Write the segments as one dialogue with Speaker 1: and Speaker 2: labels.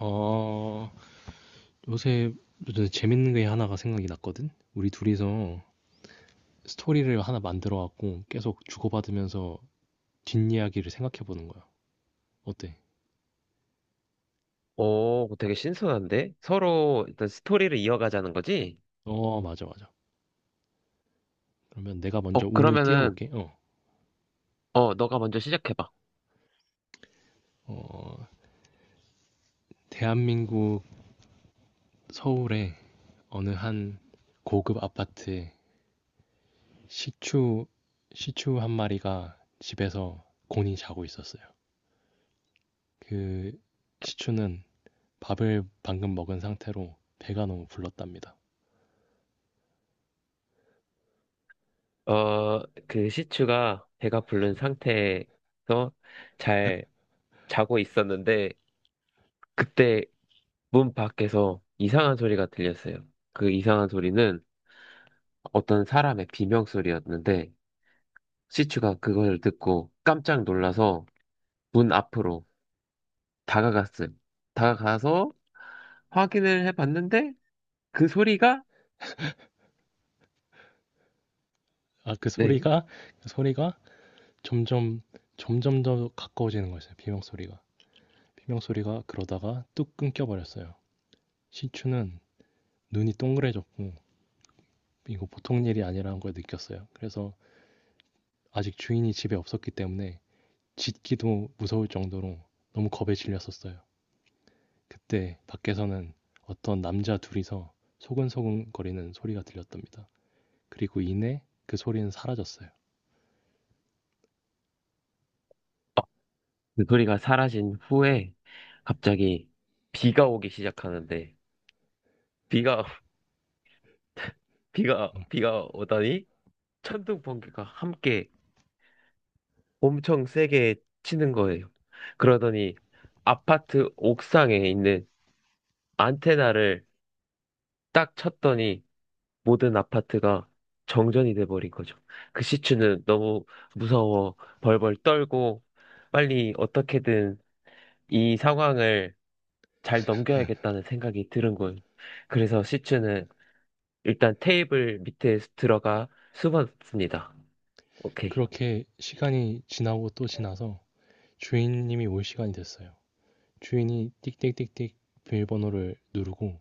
Speaker 1: 어, 요새 요새 재밌는 게 하나가 생각이 났거든? 우리 둘이서 스토리를 하나 만들어 갖고 계속 주고받으면서 뒷이야기를 생각해 보는 거야. 어때?
Speaker 2: 오, 되게 신선한데? 서로 일단 스토리를 이어가자는 거지?
Speaker 1: 맞아, 맞아. 그러면 내가 먼저 운을
Speaker 2: 그러면은,
Speaker 1: 띄워볼게.
Speaker 2: 너가 먼저 시작해봐.
Speaker 1: 어, 대한민국 서울의 어느 한 고급 아파트에 시추, 시추 한 마리가 집에서 곤히 자고 있었어요. 그 시추는 밥을 방금 먹은 상태로 배가 너무 불렀답니다.
Speaker 2: 어, 그 시추가 배가 부른 상태에서 잘 자고 있었는데, 그때 문 밖에서 이상한 소리가 들렸어요. 그 이상한 소리는 어떤 사람의 비명 소리였는데, 시추가 그걸 듣고 깜짝 놀라서 문 앞으로 다가갔어요. 다가가서 확인을 해봤는데, 그 소리가,
Speaker 1: 아,
Speaker 2: 네.
Speaker 1: 그 소리가 점점, 점점 더 가까워지는 거였어요. 비명 소리가. 비명 소리가 그러다가 뚝 끊겨버렸어요. 신추는 눈이 동그래졌고, 이거 보통 일이 아니라는 걸 느꼈어요. 그래서 아직 주인이 집에 없었기 때문에 짖기도 무서울 정도로 너무 겁에 질렸었어요. 그때 밖에서는 어떤 남자 둘이서 소근소근거리는 소리가 들렸답니다. 그리고 이내 그 소리는 사라졌어요.
Speaker 2: 그 소리가 사라진 후에 갑자기 비가 오기 시작하는데 비가 비가 오다니 천둥 번개가 함께 엄청 세게 치는 거예요. 그러더니 아파트 옥상에 있는 안테나를 딱 쳤더니 모든 아파트가 정전이 돼버린 거죠. 그 시추는 너무 무서워 벌벌 떨고 빨리 어떻게든 이 상황을 잘 넘겨야겠다는 생각이 들은 거예요. 그래서 시추는 일단 테이블 밑에 들어가 숨었습니다. 오케이.
Speaker 1: 그렇게 시간이 지나고 또 지나서 주인님이 올 시간이 됐어요. 주인이 띡띡띡띡 비밀번호를 누르고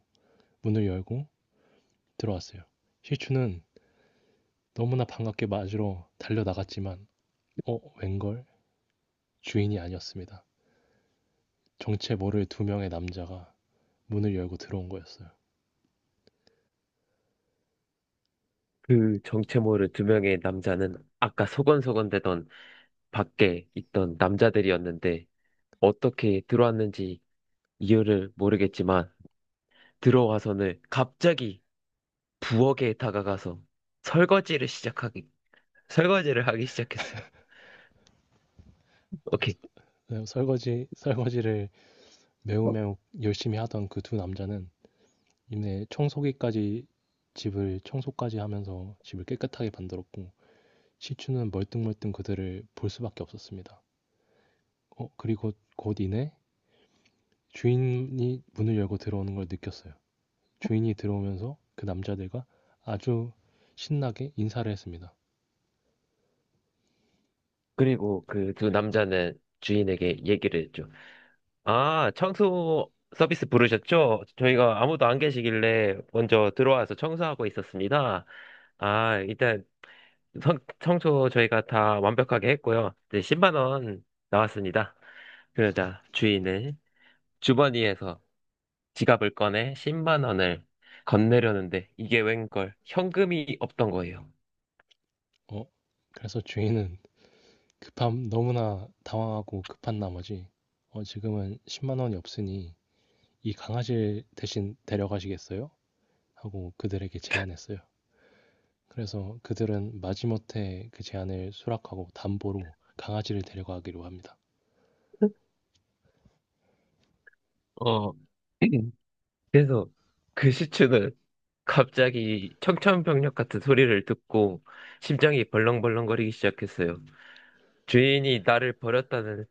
Speaker 1: 문을 열고 들어왔어요. 시추는 너무나 반갑게 맞으러 달려나갔지만 웬걸 주인이 아니었습니다. 정체 모를 두 명의 남자가 문을 열고 들어온 거였어요.
Speaker 2: 그 정체 모를 두 명의 남자는 아까 소곤소곤대던 밖에 있던 남자들이었는데 어떻게 들어왔는지 이유를 모르겠지만 들어와서는 갑자기 부엌에 다가가서 설거지를 시작하기, 설거지를 하기 시작했어요.
Speaker 1: 아,
Speaker 2: 오케이.
Speaker 1: 네, 설거지를 매우 매우 열심히 하던 그 두 남자는 이내 청소기까지 집을 청소까지 하면서 집을 깨끗하게 만들었고 시추는 멀뚱멀뚱 그들을 볼 수밖에 없었습니다. 그리고 곧 이내 주인이 문을 열고 들어오는 걸 느꼈어요. 주인이 들어오면서 그 남자들과 아주 신나게 인사를 했습니다.
Speaker 2: 그리고 그 두 남자는 주인에게 얘기를 했죠. 아, 청소 서비스 부르셨죠? 저희가 아무도 안 계시길래 먼저 들어와서 청소하고 있었습니다. 아, 일단 청소 저희가 다 완벽하게 했고요. 이제 10만 원 나왔습니다. 그러자 주인은 주머니에서 지갑을 꺼내 10만 원을 건네려는데 이게 웬걸 현금이 없던 거예요.
Speaker 1: 어, 그래서 주인은 급함 너무나 당황하고 급한 나머지 지금은 10만 원이 없으니 이 강아지를 대신 데려가시겠어요? 하고 그들에게 제안했어요. 그래서 그들은 마지못해 그 제안을 수락하고 담보로 강아지를 데려가기로 합니다.
Speaker 2: 어, 그래서 그 시추는 갑자기 청천벽력 같은 소리를 듣고 심장이 벌렁벌렁거리기 시작했어요. 주인이 나를 버렸다는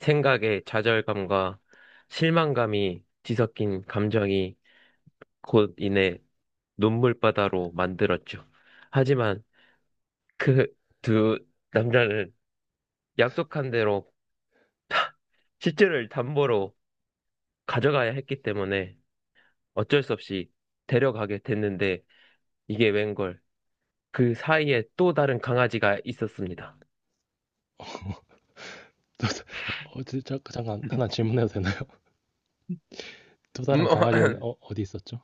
Speaker 2: 생각에 좌절감과 실망감이 뒤섞인 감정이 곧 이내 눈물바다로 만들었죠. 하지만 그 두 남자는 약속한 대로 시체를 담보로 가져가야 했기 때문에 어쩔 수 없이 데려가게 됐는데 이게 웬걸 그 사이에 또 다른 강아지가 있었습니다.
Speaker 1: 어, 잠깐 하나 질문해도 되나? 또
Speaker 2: 음,
Speaker 1: 다른 강아지는 어디 있었죠?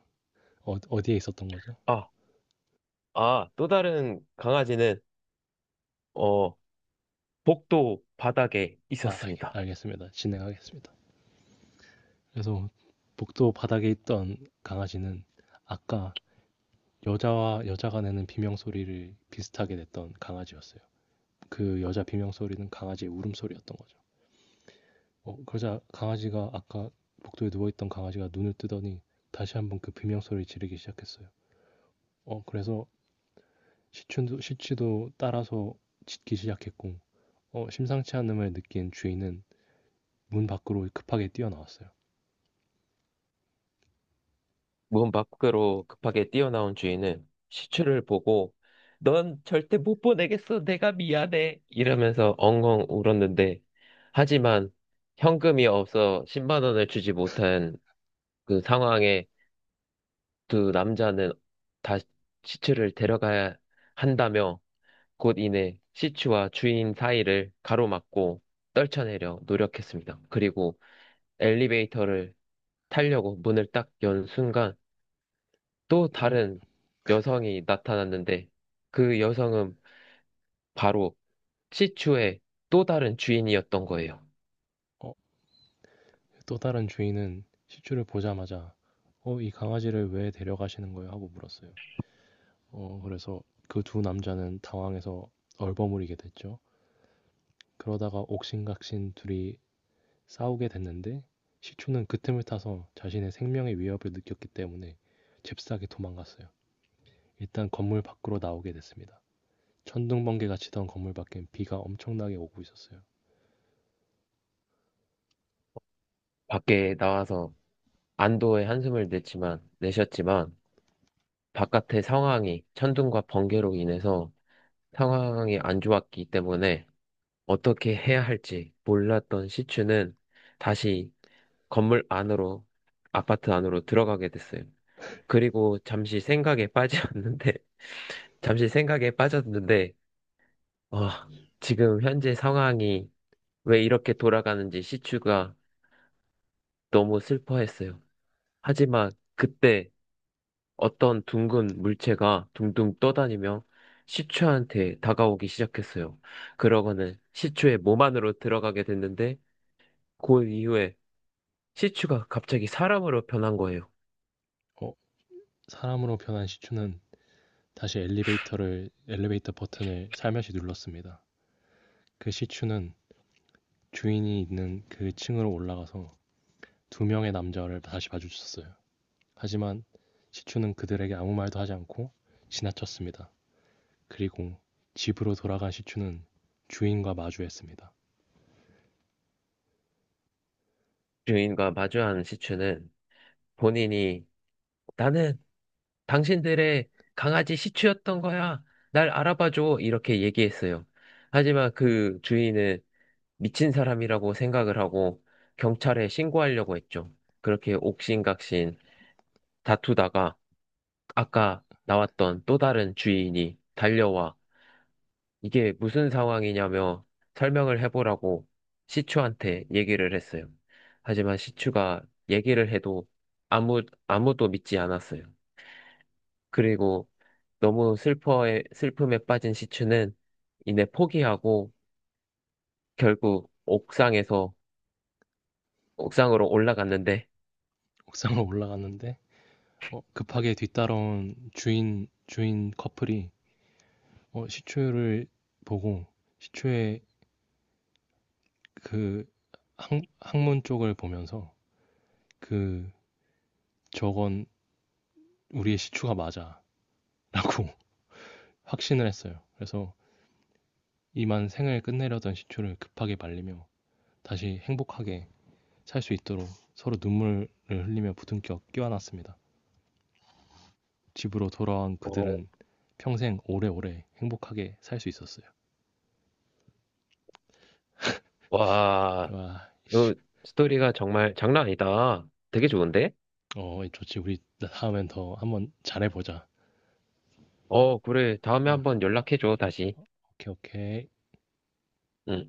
Speaker 1: 어디에 있었던 거죠?
Speaker 2: 아, 아, 또 다른 강아지는, 어, 복도 바닥에
Speaker 1: 아,
Speaker 2: 있었습니다.
Speaker 1: 알겠, 습니다 진행하겠습니다. 그래서 복도 바닥에 있던 강아지는 아까 여자와 여자가 내는 비명 소리를 비슷하게 냈던 강아지였어요. 그 여자 비명 소리는 강아지의 울음소리였던 거죠. 그러자 강아지가 아까 복도에 누워있던 강아지가 눈을 뜨더니 다시 한번 그 비명 소리를 지르기 시작했어요. 그래서 시치도 따라서 짖기 시작했고, 심상치 않음을 느낀 주인은 문 밖으로 급하게 뛰어나왔어요.
Speaker 2: 문 밖으로 급하게 뛰어나온 주인은 시추를 보고, 넌 절대 못 보내겠어. 내가 미안해. 이러면서 엉엉 울었는데, 하지만 현금이 없어 10만 원을 주지 못한 그 상황에 두 남자는 다 시추를 데려가야 한다며 곧 이내 시추와 주인 사이를 가로막고 떨쳐내려 노력했습니다. 그리고 엘리베이터를 타려고 문을 딱 연 순간 또
Speaker 1: 그,
Speaker 2: 다른 여성이 나타났는데 그 여성은 바로 시추의 또 다른 주인이었던 거예요.
Speaker 1: 어, 또 다른 주인은 시추를 보자마자 이 강아지를 왜 데려가시는 거예요? 하고 물었어요. 그래서 그 두 남자는 당황해서 얼버무리게 됐죠. 그러다가 옥신각신 둘이 싸우게 됐는데 시추는 그 틈을 타서 자신의 생명의 위협을 느꼈기 때문에 잽싸게 도망갔어요. 일단 건물 밖으로 나오게 됐습니다. 천둥번개가 치던 건물 밖엔 비가 엄청나게 오고 있었어요.
Speaker 2: 밖에 나와서 내셨지만 바깥의 상황이 천둥과 번개로 인해서 상황이 안 좋았기 때문에 어떻게 해야 할지 몰랐던 시추는 다시 건물 안으로, 아파트 안으로 들어가게 됐어요. 그리고 잠시 생각에 빠졌는데, 잠시 생각에 빠졌는데, 어, 지금 현재 상황이 왜 이렇게 돌아가는지 시추가 너무 슬퍼했어요. 하지만 그때 어떤 둥근 물체가 둥둥 떠다니며 시추한테 다가오기 시작했어요. 그러고는 시추의 몸 안으로 들어가게 됐는데, 그 이후에 시츄가 갑자기 사람으로 변한 거예요.
Speaker 1: 어, 사람으로 변한 시추는 다시 엘리베이터 버튼을 살며시 눌렀습니다. 그 시추는 주인이 있는 그 층으로 올라가서 두 명의 남자를 다시 마주쳤어요. 하지만 시추는 그들에게 아무 말도 하지 않고 지나쳤습니다. 그리고 집으로 돌아간 시추는 주인과 마주했습니다.
Speaker 2: 주인과 마주한 시츄는 본인이 나는 당신들의 강아지 시츄였던 거야. 날 알아봐줘. 이렇게 얘기했어요. 하지만 그 주인은 미친 사람이라고 생각을 하고 경찰에 신고하려고 했죠. 그렇게 옥신각신 다투다가 아까 나왔던 또 다른 주인이 달려와 이게 무슨 상황이냐며 설명을 해보라고 시추한테 얘기를 했어요. 하지만 시추가 얘기를 해도 아무, 아무도 믿지 않았어요. 그리고 너무 슬픔에 빠진 시추는 이내 포기하고 결국 옥상으로 올라갔는데,
Speaker 1: 옥상을 올라갔는데 급하게 뒤따라온 주인 커플이 시추를 보고 시추의 그 항문 쪽을 보면서 그 저건 우리의 시추가 맞아. 라고 확신을 했어요. 그래서 이만 생을 끝내려던 시추를 급하게 말리며 다시 행복하게 살 수 있도록 서로 눈물을 흘리며 부둥켜 끼워놨습니다. 집으로 돌아온
Speaker 2: 어,
Speaker 1: 그들은 평생 오래오래 행복하게 살 수 있었어요.
Speaker 2: 와,
Speaker 1: 와,
Speaker 2: 이 스토리가 정말 장난 아니다. 되게 좋은데?
Speaker 1: 좋지. 우리 다음엔 더 한번 잘해보자.
Speaker 2: 어, 그래. 다음에
Speaker 1: 어,
Speaker 2: 한번 연락해줘, 다시.
Speaker 1: 오케이, 오케이.
Speaker 2: 응.